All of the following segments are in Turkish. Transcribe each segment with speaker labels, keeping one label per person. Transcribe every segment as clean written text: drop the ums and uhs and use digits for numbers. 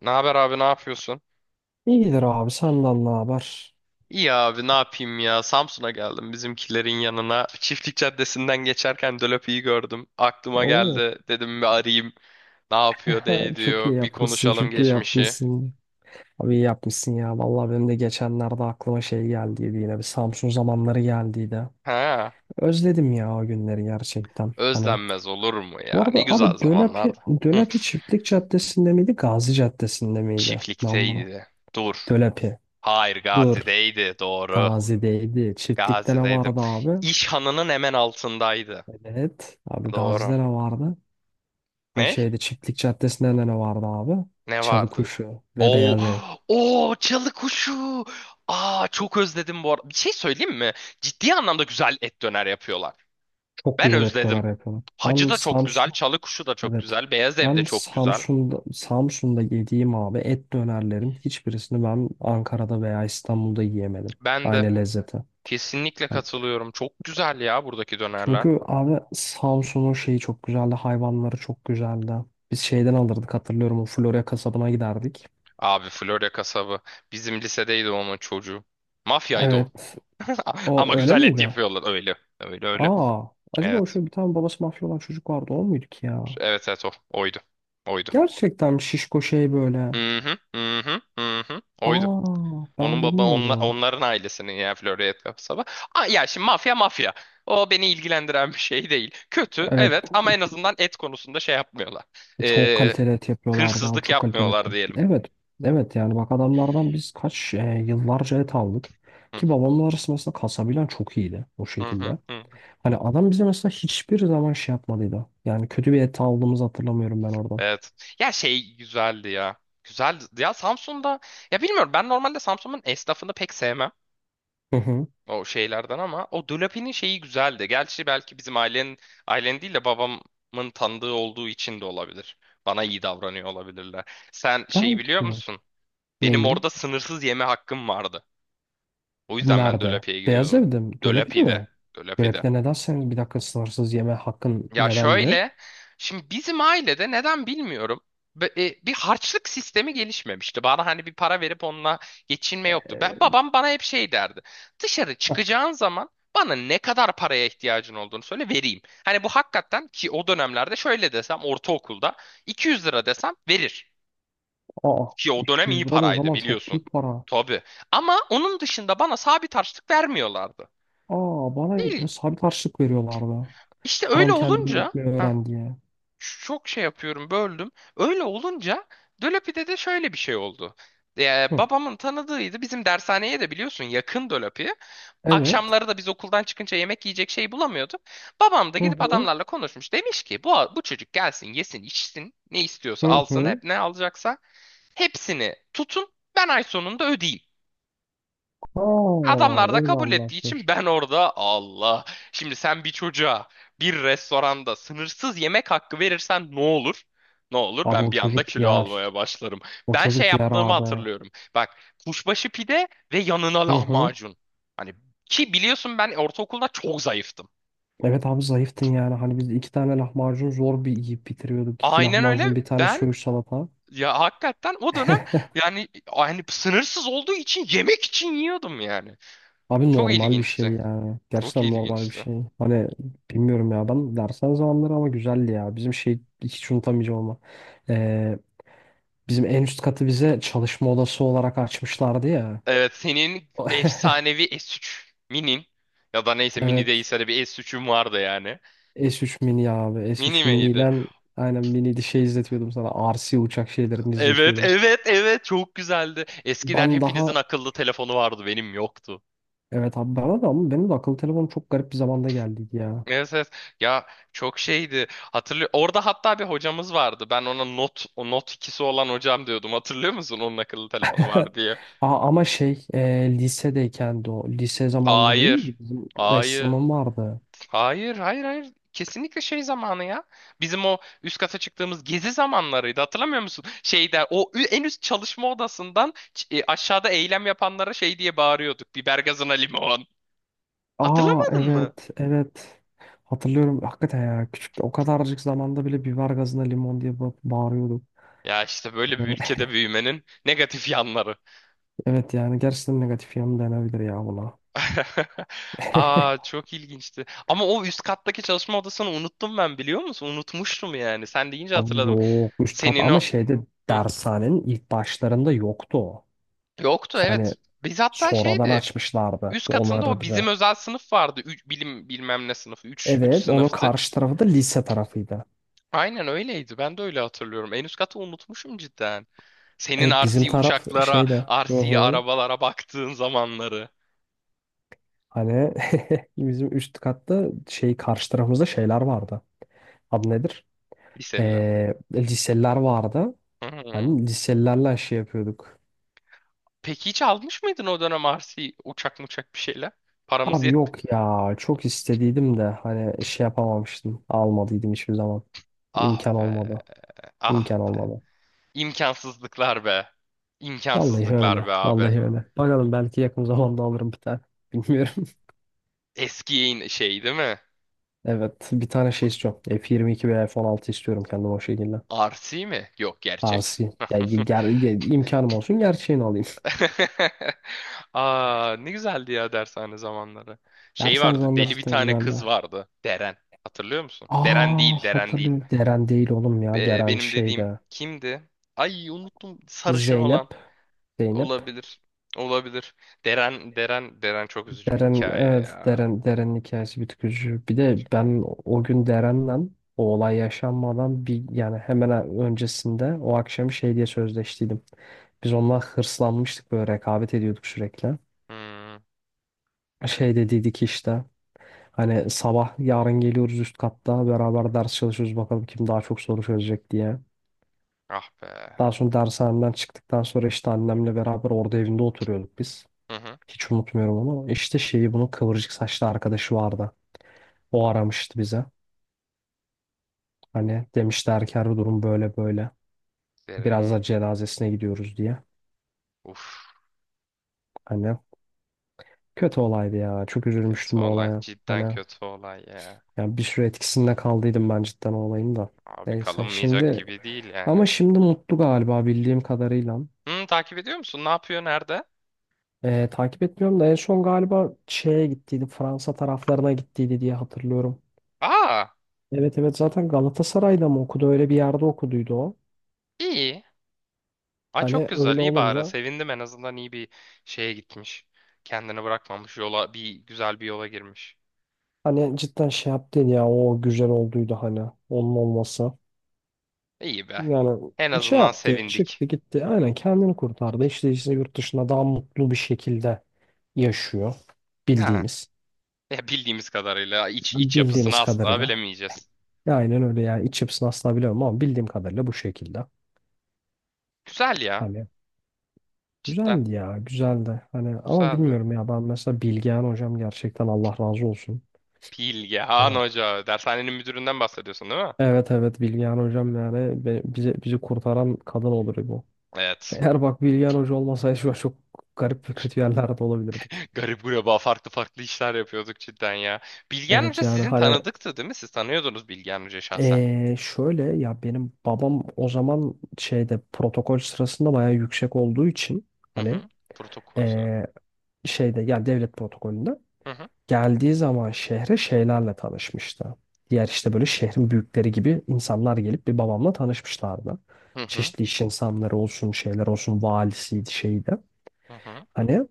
Speaker 1: Ne haber abi, ne yapıyorsun?
Speaker 2: İyidir abi sallallahu haber.
Speaker 1: İyi abi, ne yapayım ya, Samsun'a geldim bizimkilerin yanına. Çiftlik Caddesi'nden geçerken Dölöpü'yü gördüm. Aklıma
Speaker 2: Oo,
Speaker 1: geldi, dedim bir arayayım. Ne yapıyor ne
Speaker 2: çok iyi
Speaker 1: ediyor, bir
Speaker 2: yapmışsın,
Speaker 1: konuşalım
Speaker 2: çok iyi
Speaker 1: geçmişi.
Speaker 2: yapmışsın. Abi iyi yapmışsın ya. Vallahi benim de geçenlerde aklıma şey geldiydi, yine bir Samsun zamanları geldiydi.
Speaker 1: Ha,
Speaker 2: Özledim ya o günleri gerçekten. Hani
Speaker 1: özlenmez olur mu
Speaker 2: bu
Speaker 1: ya, ne
Speaker 2: arada
Speaker 1: güzel
Speaker 2: abi Dölepi,
Speaker 1: zamanlardı. Hı,
Speaker 2: Dölepi Çiftlik Caddesi'nde miydi, Gazi Caddesi'nde miydi? Lan bunu.
Speaker 1: çiftlikteydi. Dur.
Speaker 2: Dölepi.
Speaker 1: Hayır,
Speaker 2: Dur.
Speaker 1: Gazi'deydi doğru.
Speaker 2: Gazi'deydi. Çiftlik'te ne
Speaker 1: Gazi'deydim.
Speaker 2: vardı abi?
Speaker 1: İş hemen altındaydı.
Speaker 2: Evet. Abi,
Speaker 1: Doğru.
Speaker 2: Gazi'de ne vardı? Hani
Speaker 1: Ne?
Speaker 2: şeyde Çiftlik Caddesi'nde de ne vardı abi?
Speaker 1: Ne vardı?
Speaker 2: Çalıkuşu ve
Speaker 1: Oo,
Speaker 2: Beyaz Ev.
Speaker 1: oo çalı kuşu. Aa, çok özledim bu arada. Bir şey söyleyeyim mi? Ciddi anlamda güzel et döner yapıyorlar.
Speaker 2: Çok
Speaker 1: Ben
Speaker 2: güzel et döner
Speaker 1: özledim.
Speaker 2: yapıyorlar.
Speaker 1: Hacı
Speaker 2: Ben
Speaker 1: da çok güzel,
Speaker 2: Samsun,
Speaker 1: çalı kuşu da çok
Speaker 2: evet.
Speaker 1: güzel, beyaz ev de
Speaker 2: Ben
Speaker 1: çok güzel.
Speaker 2: Samsun'da yediğim abi et dönerlerin hiçbirisini ben Ankara'da veya İstanbul'da yiyemedim.
Speaker 1: Ben de
Speaker 2: Aynı lezzeti.
Speaker 1: kesinlikle
Speaker 2: Hani
Speaker 1: katılıyorum. Çok güzel ya buradaki dönerler.
Speaker 2: çünkü abi Samsun'un şeyi çok güzeldi. Hayvanları çok güzeldi. Biz şeyden alırdık, hatırlıyorum. O Florya kasabına giderdik.
Speaker 1: Abi Florya kasabı. Bizim lisedeydi onun çocuğu. Mafyaydı o.
Speaker 2: Evet. O
Speaker 1: Ama
Speaker 2: öyle
Speaker 1: güzel et
Speaker 2: miydi?
Speaker 1: yapıyorlar. Öyle. Öyle öyle.
Speaker 2: Aa. Acaba o
Speaker 1: Evet.
Speaker 2: şöyle bir tane babası mafya olan çocuk vardı, o muydu ki ya?
Speaker 1: Evet evet o. Oydu. Oydu.
Speaker 2: Gerçekten şişko şey böyle.
Speaker 1: Hı hı hı hı hı hı. Oydu.
Speaker 2: Aa, ben bilmiyordum.
Speaker 1: Onların ailesinin yani Florya Kapsaba. Aa, ya şimdi mafya mafya. O beni ilgilendiren bir şey değil. Kötü
Speaker 2: Evet,
Speaker 1: evet, ama en azından et konusunda şey yapmıyorlar.
Speaker 2: çok
Speaker 1: Ee,
Speaker 2: kaliteli et yapıyorlardı abi,
Speaker 1: Hırsızlık
Speaker 2: çok kaliteli et.
Speaker 1: yapmıyorlar diyelim.
Speaker 2: Evet evet, yani bak, adamlardan biz yıllarca et aldık.
Speaker 1: Hı
Speaker 2: Ki
Speaker 1: hı,
Speaker 2: babamla arası mesela kasabilen çok iyiydi o
Speaker 1: hı hı,
Speaker 2: şekilde.
Speaker 1: hı.
Speaker 2: Hani adam bize mesela hiçbir zaman şey yapmadıydı. Yani kötü bir et aldığımızı hatırlamıyorum ben oradan.
Speaker 1: Evet. Ya şey güzeldi ya. Güzeldi. Ya Samsun'da, ya bilmiyorum, ben normalde Samsun'un esnafını pek sevmem.
Speaker 2: Hı hı.
Speaker 1: O şeylerden, ama o Dolapi'nin şeyi güzeldi. Gerçi belki bizim ailenin, ailen değil de babamın tanıdığı olduğu için de olabilir. Bana iyi davranıyor olabilirler. Sen şeyi biliyor
Speaker 2: Belki
Speaker 1: musun? Benim
Speaker 2: neyi?
Speaker 1: orada sınırsız yeme hakkım vardı. O yüzden ben
Speaker 2: Nerede?
Speaker 1: Dolapi'ye
Speaker 2: Beyaz
Speaker 1: gidiyordum.
Speaker 2: Ev'de mi? Dölepi'de
Speaker 1: Dolapi'de.
Speaker 2: mi?
Speaker 1: Dolapi'de.
Speaker 2: Dölepi'de neden senin bir dakika sınırsız yeme hakkın
Speaker 1: Ya
Speaker 2: nedendi?
Speaker 1: şöyle, şimdi bizim ailede neden bilmiyorum. Bir harçlık sistemi gelişmemişti. Bana hani bir para verip onunla geçinme yoktu. Babam bana hep şey derdi. Dışarı çıkacağın zaman bana ne kadar paraya ihtiyacın olduğunu söyle, vereyim. Hani bu hakikaten, ki o dönemlerde şöyle desem, ortaokulda 200 lira desem verir.
Speaker 2: Aa,
Speaker 1: Ki o dönem iyi
Speaker 2: 200 lira da o
Speaker 1: paraydı
Speaker 2: zaman çok
Speaker 1: biliyorsun.
Speaker 2: büyük para.
Speaker 1: Tabii. Ama onun dışında bana sabit harçlık vermiyorlardı.
Speaker 2: Aa, bana
Speaker 1: Değil.
Speaker 2: ya, sabit harçlık veriyorlardı.
Speaker 1: İşte öyle
Speaker 2: Param kendini
Speaker 1: olunca...
Speaker 2: yönetmeyi
Speaker 1: Heh.
Speaker 2: öğren diye.
Speaker 1: Çok şey yapıyorum, böldüm. Öyle olunca Dölapi'de de şöyle bir şey oldu.
Speaker 2: Hı.
Speaker 1: Babamın tanıdığıydı. Bizim dershaneye de biliyorsun yakın Dölapi.
Speaker 2: Evet.
Speaker 1: Akşamları da biz okuldan çıkınca yemek yiyecek şey bulamıyorduk. Babam da
Speaker 2: Hı
Speaker 1: gidip
Speaker 2: hı.
Speaker 1: adamlarla konuşmuş. Demiş ki bu çocuk gelsin yesin içsin, ne istiyorsa
Speaker 2: Hı
Speaker 1: alsın,
Speaker 2: hı.
Speaker 1: hep ne alacaksa hepsini tutun, ben ay sonunda ödeyeyim. Adamlar
Speaker 2: Aa,
Speaker 1: da
Speaker 2: öyle
Speaker 1: kabul ettiği için
Speaker 2: anlaşmış.
Speaker 1: ben orada Allah. Şimdi sen bir çocuğa bir restoranda sınırsız yemek hakkı verirsen ne olur? Ne olur?
Speaker 2: Abi,
Speaker 1: Ben
Speaker 2: o
Speaker 1: bir anda
Speaker 2: çocuk
Speaker 1: kilo almaya
Speaker 2: yer.
Speaker 1: başlarım.
Speaker 2: O
Speaker 1: Ben şey
Speaker 2: çocuk yer
Speaker 1: yaptığımı
Speaker 2: abi.
Speaker 1: hatırlıyorum. Bak, kuşbaşı pide ve yanına
Speaker 2: Hı hı.
Speaker 1: lahmacun. Hani, ki biliyorsun ben ortaokulda çok zayıftım.
Speaker 2: Evet abi, zayıftın yani. Hani biz iki tane lahmacun zor bir yiyip bitiriyorduk. İki
Speaker 1: Aynen öyle.
Speaker 2: lahmacun, bir tane
Speaker 1: Ben
Speaker 2: söğüş salata.
Speaker 1: ya hakikaten o dönem, yani hani sınırsız olduğu için yemek için yiyordum yani.
Speaker 2: Abi,
Speaker 1: Çok
Speaker 2: normal bir şey
Speaker 1: ilginçti.
Speaker 2: yani.
Speaker 1: Çok
Speaker 2: Gerçekten normal bir
Speaker 1: ilginçti.
Speaker 2: şey. Hani bilmiyorum ya, ben dersen zamanları ama güzeldi ya. Bizim şey hiç unutamayacağım ama. Ee, bizim en üst katı bize çalışma odası olarak açmışlardı ya.
Speaker 1: Evet, senin efsanevi S3 Mini'nin, ya da neyse Mini
Speaker 2: Evet.
Speaker 1: değilse de bir S3'üm vardı yani.
Speaker 2: S3 mini abi.
Speaker 1: Mini
Speaker 2: S3 mini
Speaker 1: miydi?
Speaker 2: ile aynen mini şey izletiyordum sana. RC uçak şeylerini
Speaker 1: Evet
Speaker 2: izletiyordum.
Speaker 1: evet evet, çok güzeldi. Eskiden
Speaker 2: Ben
Speaker 1: hepinizin
Speaker 2: daha
Speaker 1: akıllı telefonu vardı, benim yoktu.
Speaker 2: evet abi, bana da ama benim de akıllı telefonum çok garip bir zamanda geldi ya.
Speaker 1: Evet, evet. Ya çok şeydi. Hatırlıyor. Orada hatta bir hocamız vardı. Ben ona not o not ikisi olan hocam diyordum. Hatırlıyor musun? Onun akıllı telefonu var diye.
Speaker 2: Aa, ama şey lisedeyken de o. Lise zamanında değil mi?
Speaker 1: Hayır.
Speaker 2: Bizim
Speaker 1: Hayır.
Speaker 2: ressamım vardı.
Speaker 1: Hayır, hayır, hayır. Kesinlikle şey zamanı ya. Bizim o üst kata çıktığımız gezi zamanlarıydı. Hatırlamıyor musun? Şeyde o en üst çalışma odasından aşağıda eylem yapanlara şey diye bağırıyorduk. Biber gazına limon.
Speaker 2: Aa,
Speaker 1: Hatırlamadın mı?
Speaker 2: evet evet. Hatırlıyorum hakikaten ya, küçük o kadarcık zamanda bile biber gazına limon diye bağırıyorduk.
Speaker 1: Ya işte böyle bir
Speaker 2: Hani,
Speaker 1: ülkede büyümenin negatif yanları.
Speaker 2: evet yani gerçekten negatif yanı denebilir ya buna.
Speaker 1: Aa, çok ilginçti. Ama o üst kattaki çalışma odasını unuttum ben, biliyor musun? Unutmuştum yani. Sen deyince
Speaker 2: Abi,
Speaker 1: hatırladım.
Speaker 2: yok üst kat
Speaker 1: Senin
Speaker 2: ama
Speaker 1: o...
Speaker 2: şeyde
Speaker 1: Hı.
Speaker 2: dershanenin ilk başlarında yoktu o.
Speaker 1: Yoktu
Speaker 2: Hani
Speaker 1: evet. Biz hatta
Speaker 2: sonradan
Speaker 1: şeydi.
Speaker 2: açmışlardı
Speaker 1: Üst katında
Speaker 2: onları
Speaker 1: o bizim
Speaker 2: bize.
Speaker 1: özel sınıf vardı. Üç, bilim bilmem ne sınıfı. Üç 3
Speaker 2: Evet, onun
Speaker 1: sınıftık.
Speaker 2: karşı tarafı da lise tarafıydı.
Speaker 1: Aynen öyleydi. Ben de öyle hatırlıyorum. En üst katı unutmuşum cidden. Senin
Speaker 2: Evet, bizim
Speaker 1: RC
Speaker 2: taraf
Speaker 1: uçaklara,
Speaker 2: şeyde. Hı
Speaker 1: RC
Speaker 2: hı.
Speaker 1: arabalara baktığın zamanları.
Speaker 2: Hani bizim üst katta şey karşı tarafımızda şeyler vardı. Adı nedir?
Speaker 1: Liseliler.
Speaker 2: Liseliler vardı.
Speaker 1: Hmm.
Speaker 2: Hani liselilerle şey yapıyorduk.
Speaker 1: Peki hiç almış mıydın o dönem RC uçak muçak bir şeyler? Paramız
Speaker 2: Abi
Speaker 1: yet.
Speaker 2: yok ya, çok istediydim de hani şey yapamamıştım. Almadıydım hiçbir zaman.
Speaker 1: Ah
Speaker 2: İmkan
Speaker 1: be.
Speaker 2: olmadı.
Speaker 1: Ah
Speaker 2: İmkan
Speaker 1: be.
Speaker 2: olmadı.
Speaker 1: İmkansızlıklar be.
Speaker 2: Vallahi
Speaker 1: İmkansızlıklar be
Speaker 2: öyle.
Speaker 1: abi.
Speaker 2: Vallahi öyle. Bakalım, belki yakın zamanda alırım bir tane. Bilmiyorum.
Speaker 1: Eski yayın şey değil mi?
Speaker 2: Evet, bir tane şey istiyorum. F22 veya F16 istiyorum kendim o şekilde.
Speaker 1: RC mi? Yok, gerçek.
Speaker 2: Arsi. Yani imkanım olsun gerçeğini alayım.
Speaker 1: Aa, ne güzeldi ya dershane zamanları. Şey
Speaker 2: Derseniz
Speaker 1: vardı, deli
Speaker 2: anlarız
Speaker 1: bir
Speaker 2: da
Speaker 1: tane kız
Speaker 2: güzeldi.
Speaker 1: vardı. Deren. Hatırlıyor musun? Deren
Speaker 2: Aa,
Speaker 1: değil, Deren değil.
Speaker 2: hatırlıyorum. Deren değil oğlum ya. Deren
Speaker 1: Benim dediğim
Speaker 2: şeyde.
Speaker 1: kimdi? Ay, unuttum. Sarışın olan.
Speaker 2: Zeynep. Zeynep.
Speaker 1: Olabilir. Olabilir. Deren, Deren, Deren çok üzücü bir
Speaker 2: Deren
Speaker 1: hikaye
Speaker 2: evet,
Speaker 1: ya.
Speaker 2: Deren'in hikayesi bir tık üzücü. Bir de ben o gün Deren'le o olay yaşanmadan bir, yani hemen öncesinde o akşam şey diye sözleştiydim. Biz onunla hırslanmıştık, böyle rekabet ediyorduk sürekli.
Speaker 1: Hmm,
Speaker 2: Şey dediydik işte. Hani sabah yarın geliyoruz, üst katta beraber ders çalışıyoruz, bakalım kim daha çok soru çözecek diye.
Speaker 1: ah be.
Speaker 2: Daha sonra dershanemden çıktıktan sonra işte annemle beraber orada evinde oturuyorduk biz.
Speaker 1: Hı hı.
Speaker 2: Hiç unutmuyorum onu. İşte şeyi, bunun kıvırcık saçlı arkadaşı vardı. O aramıştı bize. Hani demişti Erker, bu durum böyle böyle. Biraz
Speaker 1: Deren.
Speaker 2: da cenazesine gidiyoruz diye.
Speaker 1: Uf.
Speaker 2: Hani kötü olaydı ya. Çok
Speaker 1: Kötü
Speaker 2: üzülmüştüm o
Speaker 1: olay.
Speaker 2: olaya.
Speaker 1: Cidden
Speaker 2: Hani
Speaker 1: kötü olay ya.
Speaker 2: yani bir süre etkisinde kaldıydım ben cidden o olayın da.
Speaker 1: Abi
Speaker 2: Neyse
Speaker 1: kalınmayacak
Speaker 2: şimdi,
Speaker 1: gibi değil yani.
Speaker 2: ama şimdi mutlu galiba, bildiğim kadarıyla.
Speaker 1: Hı, takip ediyor musun? Ne yapıyor? Nerede?
Speaker 2: Takip etmiyorum da en son galiba şeye gittiydi, Fransa taraflarına gittiydi diye hatırlıyorum.
Speaker 1: Aa!
Speaker 2: Evet evet, zaten Galatasaray'da mı okudu, öyle bir yerde okuduydu o.
Speaker 1: İyi. Ay çok
Speaker 2: Hani
Speaker 1: güzel.
Speaker 2: öyle
Speaker 1: İyi bari.
Speaker 2: olunca
Speaker 1: Sevindim, en azından iyi bir şeye gitmiş. Kendini bırakmamış. Yola, bir güzel bir yola girmiş.
Speaker 2: hani cidden şey yaptın ya, o güzel olduydu hani onun olması.
Speaker 1: İyi be.
Speaker 2: Yani
Speaker 1: En
Speaker 2: şey
Speaker 1: azından
Speaker 2: yaptı,
Speaker 1: sevindik.
Speaker 2: çıktı gitti, aynen kendini kurtardı. İşte yurt dışında daha mutlu bir şekilde yaşıyor,
Speaker 1: Ha.
Speaker 2: bildiğimiz
Speaker 1: Ya bildiğimiz kadarıyla, iç yapısını
Speaker 2: bildiğimiz
Speaker 1: asla
Speaker 2: kadarıyla.
Speaker 1: bilemeyeceğiz.
Speaker 2: Ya, aynen öyle yani, iç yapısını asla bilemem ama bildiğim kadarıyla bu şekilde.
Speaker 1: Güzel ya.
Speaker 2: Hani
Speaker 1: Cidden.
Speaker 2: güzeldi ya, güzeldi. Hani ama
Speaker 1: Güzeldi.
Speaker 2: bilmiyorum ya, ben mesela Bilgehan hocam, gerçekten Allah razı olsun.
Speaker 1: Bilgehan
Speaker 2: Hani
Speaker 1: Hoca. Dershanenin müdüründen bahsediyorsun değil mi?
Speaker 2: evet evet, Bilgehan hocam yani bizi kurtaran kadın olur bu.
Speaker 1: Evet.
Speaker 2: Eğer bak, Bilgehan hoca olmasaydı şu an çok garip ve kötü yerlerde olabilirdik.
Speaker 1: Garip gureba farklı farklı işler yapıyorduk cidden ya. Bilgehan
Speaker 2: Evet
Speaker 1: Hoca
Speaker 2: yani
Speaker 1: sizin
Speaker 2: hani
Speaker 1: tanıdıktı değil mi? Siz tanıyordunuz Bilgehan Hoca şahsen.
Speaker 2: şöyle ya, benim babam o zaman şeyde protokol sırasında bayağı yüksek olduğu için,
Speaker 1: Hı
Speaker 2: hani
Speaker 1: hı. Protokol.
Speaker 2: eee, şeyde yani devlet protokolünde
Speaker 1: Hı hı.
Speaker 2: geldiği zaman şehre şeylerle tanışmıştı. Diğer işte böyle şehrin büyükleri gibi insanlar gelip bir babamla tanışmışlardı.
Speaker 1: Hı hı.
Speaker 2: Çeşitli iş insanları olsun, şeyler olsun, valisiydi, şeydi.
Speaker 1: Hı hı.
Speaker 2: Hani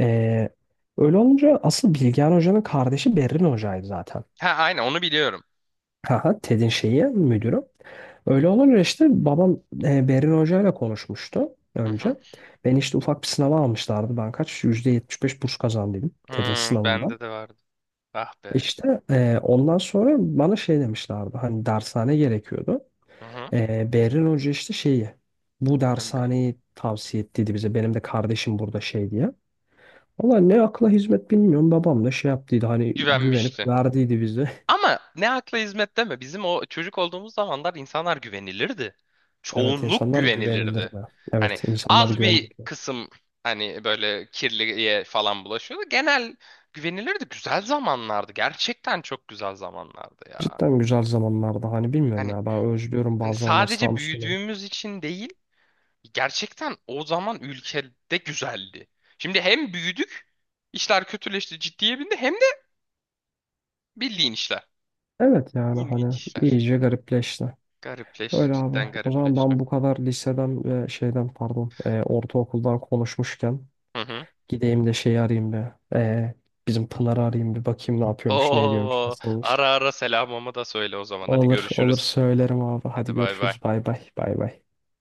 Speaker 2: eee, öyle olunca asıl Bilgehan Hoca'nın kardeşi Berrin Hoca'ydı zaten.
Speaker 1: Ha, aynen onu biliyorum.
Speaker 2: Haha, TED'in şeyi, müdürü. Öyle olunca işte babam Berin Hoca ile konuşmuştu
Speaker 1: Hı hı.
Speaker 2: önce. Beni işte ufak bir sınava almışlardı. Ben kaç? %75 burs kazandıydım TED'in
Speaker 1: Hmm, bende
Speaker 2: sınavında.
Speaker 1: de vardı. Ah be.
Speaker 2: İşte ondan sonra bana şey demişlerdi, hani dershane gerekiyordu.
Speaker 1: Hı hı.
Speaker 2: Berrin Hoca işte şeyi bu
Speaker 1: Ben de-
Speaker 2: dershaneyi tavsiye ettiydi bize, benim de kardeşim burada şey diye. Valla ne akla hizmet bilmiyorum, babam da şey yaptıydı hani, güvenip
Speaker 1: Güvenmişti.
Speaker 2: verdiydi bize.
Speaker 1: Ama ne akla hizmet deme. Bizim o çocuk olduğumuz zamanlar insanlar güvenilirdi.
Speaker 2: Evet,
Speaker 1: Çoğunluk
Speaker 2: insanlar
Speaker 1: güvenilirdi.
Speaker 2: güvenilirdi.
Speaker 1: Hani
Speaker 2: Evet, insanlar
Speaker 1: az bir
Speaker 2: güvenilirdi.
Speaker 1: kısım hani böyle kirliye falan bulaşıyordu. Genel güvenilirdi. Güzel zamanlardı. Gerçekten çok güzel zamanlardı ya.
Speaker 2: Cidden güzel zamanlarda hani bilmiyorum
Speaker 1: Hani
Speaker 2: ya, ben özlüyorum
Speaker 1: hani
Speaker 2: bazı zamanlar
Speaker 1: sadece
Speaker 2: Samsun'u.
Speaker 1: büyüdüğümüz için değil, gerçekten o zaman ülkede güzeldi. Şimdi hem büyüdük, işler kötüleşti, ciddiye bindi, hem de bildiğin işler.
Speaker 2: Evet yani
Speaker 1: İlginç
Speaker 2: hani
Speaker 1: işler.
Speaker 2: iyice garipleşti.
Speaker 1: Garipleşti,
Speaker 2: Öyle abi.
Speaker 1: cidden
Speaker 2: O zaman
Speaker 1: garipleşti.
Speaker 2: ben bu kadar liseden ve şeyden, pardon, ortaokuldan konuşmuşken
Speaker 1: Hı hı.
Speaker 2: gideyim de şeyi arayayım bir. Bizim Pınar'ı arayayım bir, bakayım ne yapıyormuş, ne ediyormuş,
Speaker 1: Oo,
Speaker 2: nasılmış.
Speaker 1: ara ara selamımı da söyle o zaman. Hadi
Speaker 2: Olur, olur,
Speaker 1: görüşürüz.
Speaker 2: söylerim abi. Hadi
Speaker 1: Hadi bay bay.
Speaker 2: görüşürüz. Bay bay. Bay bay.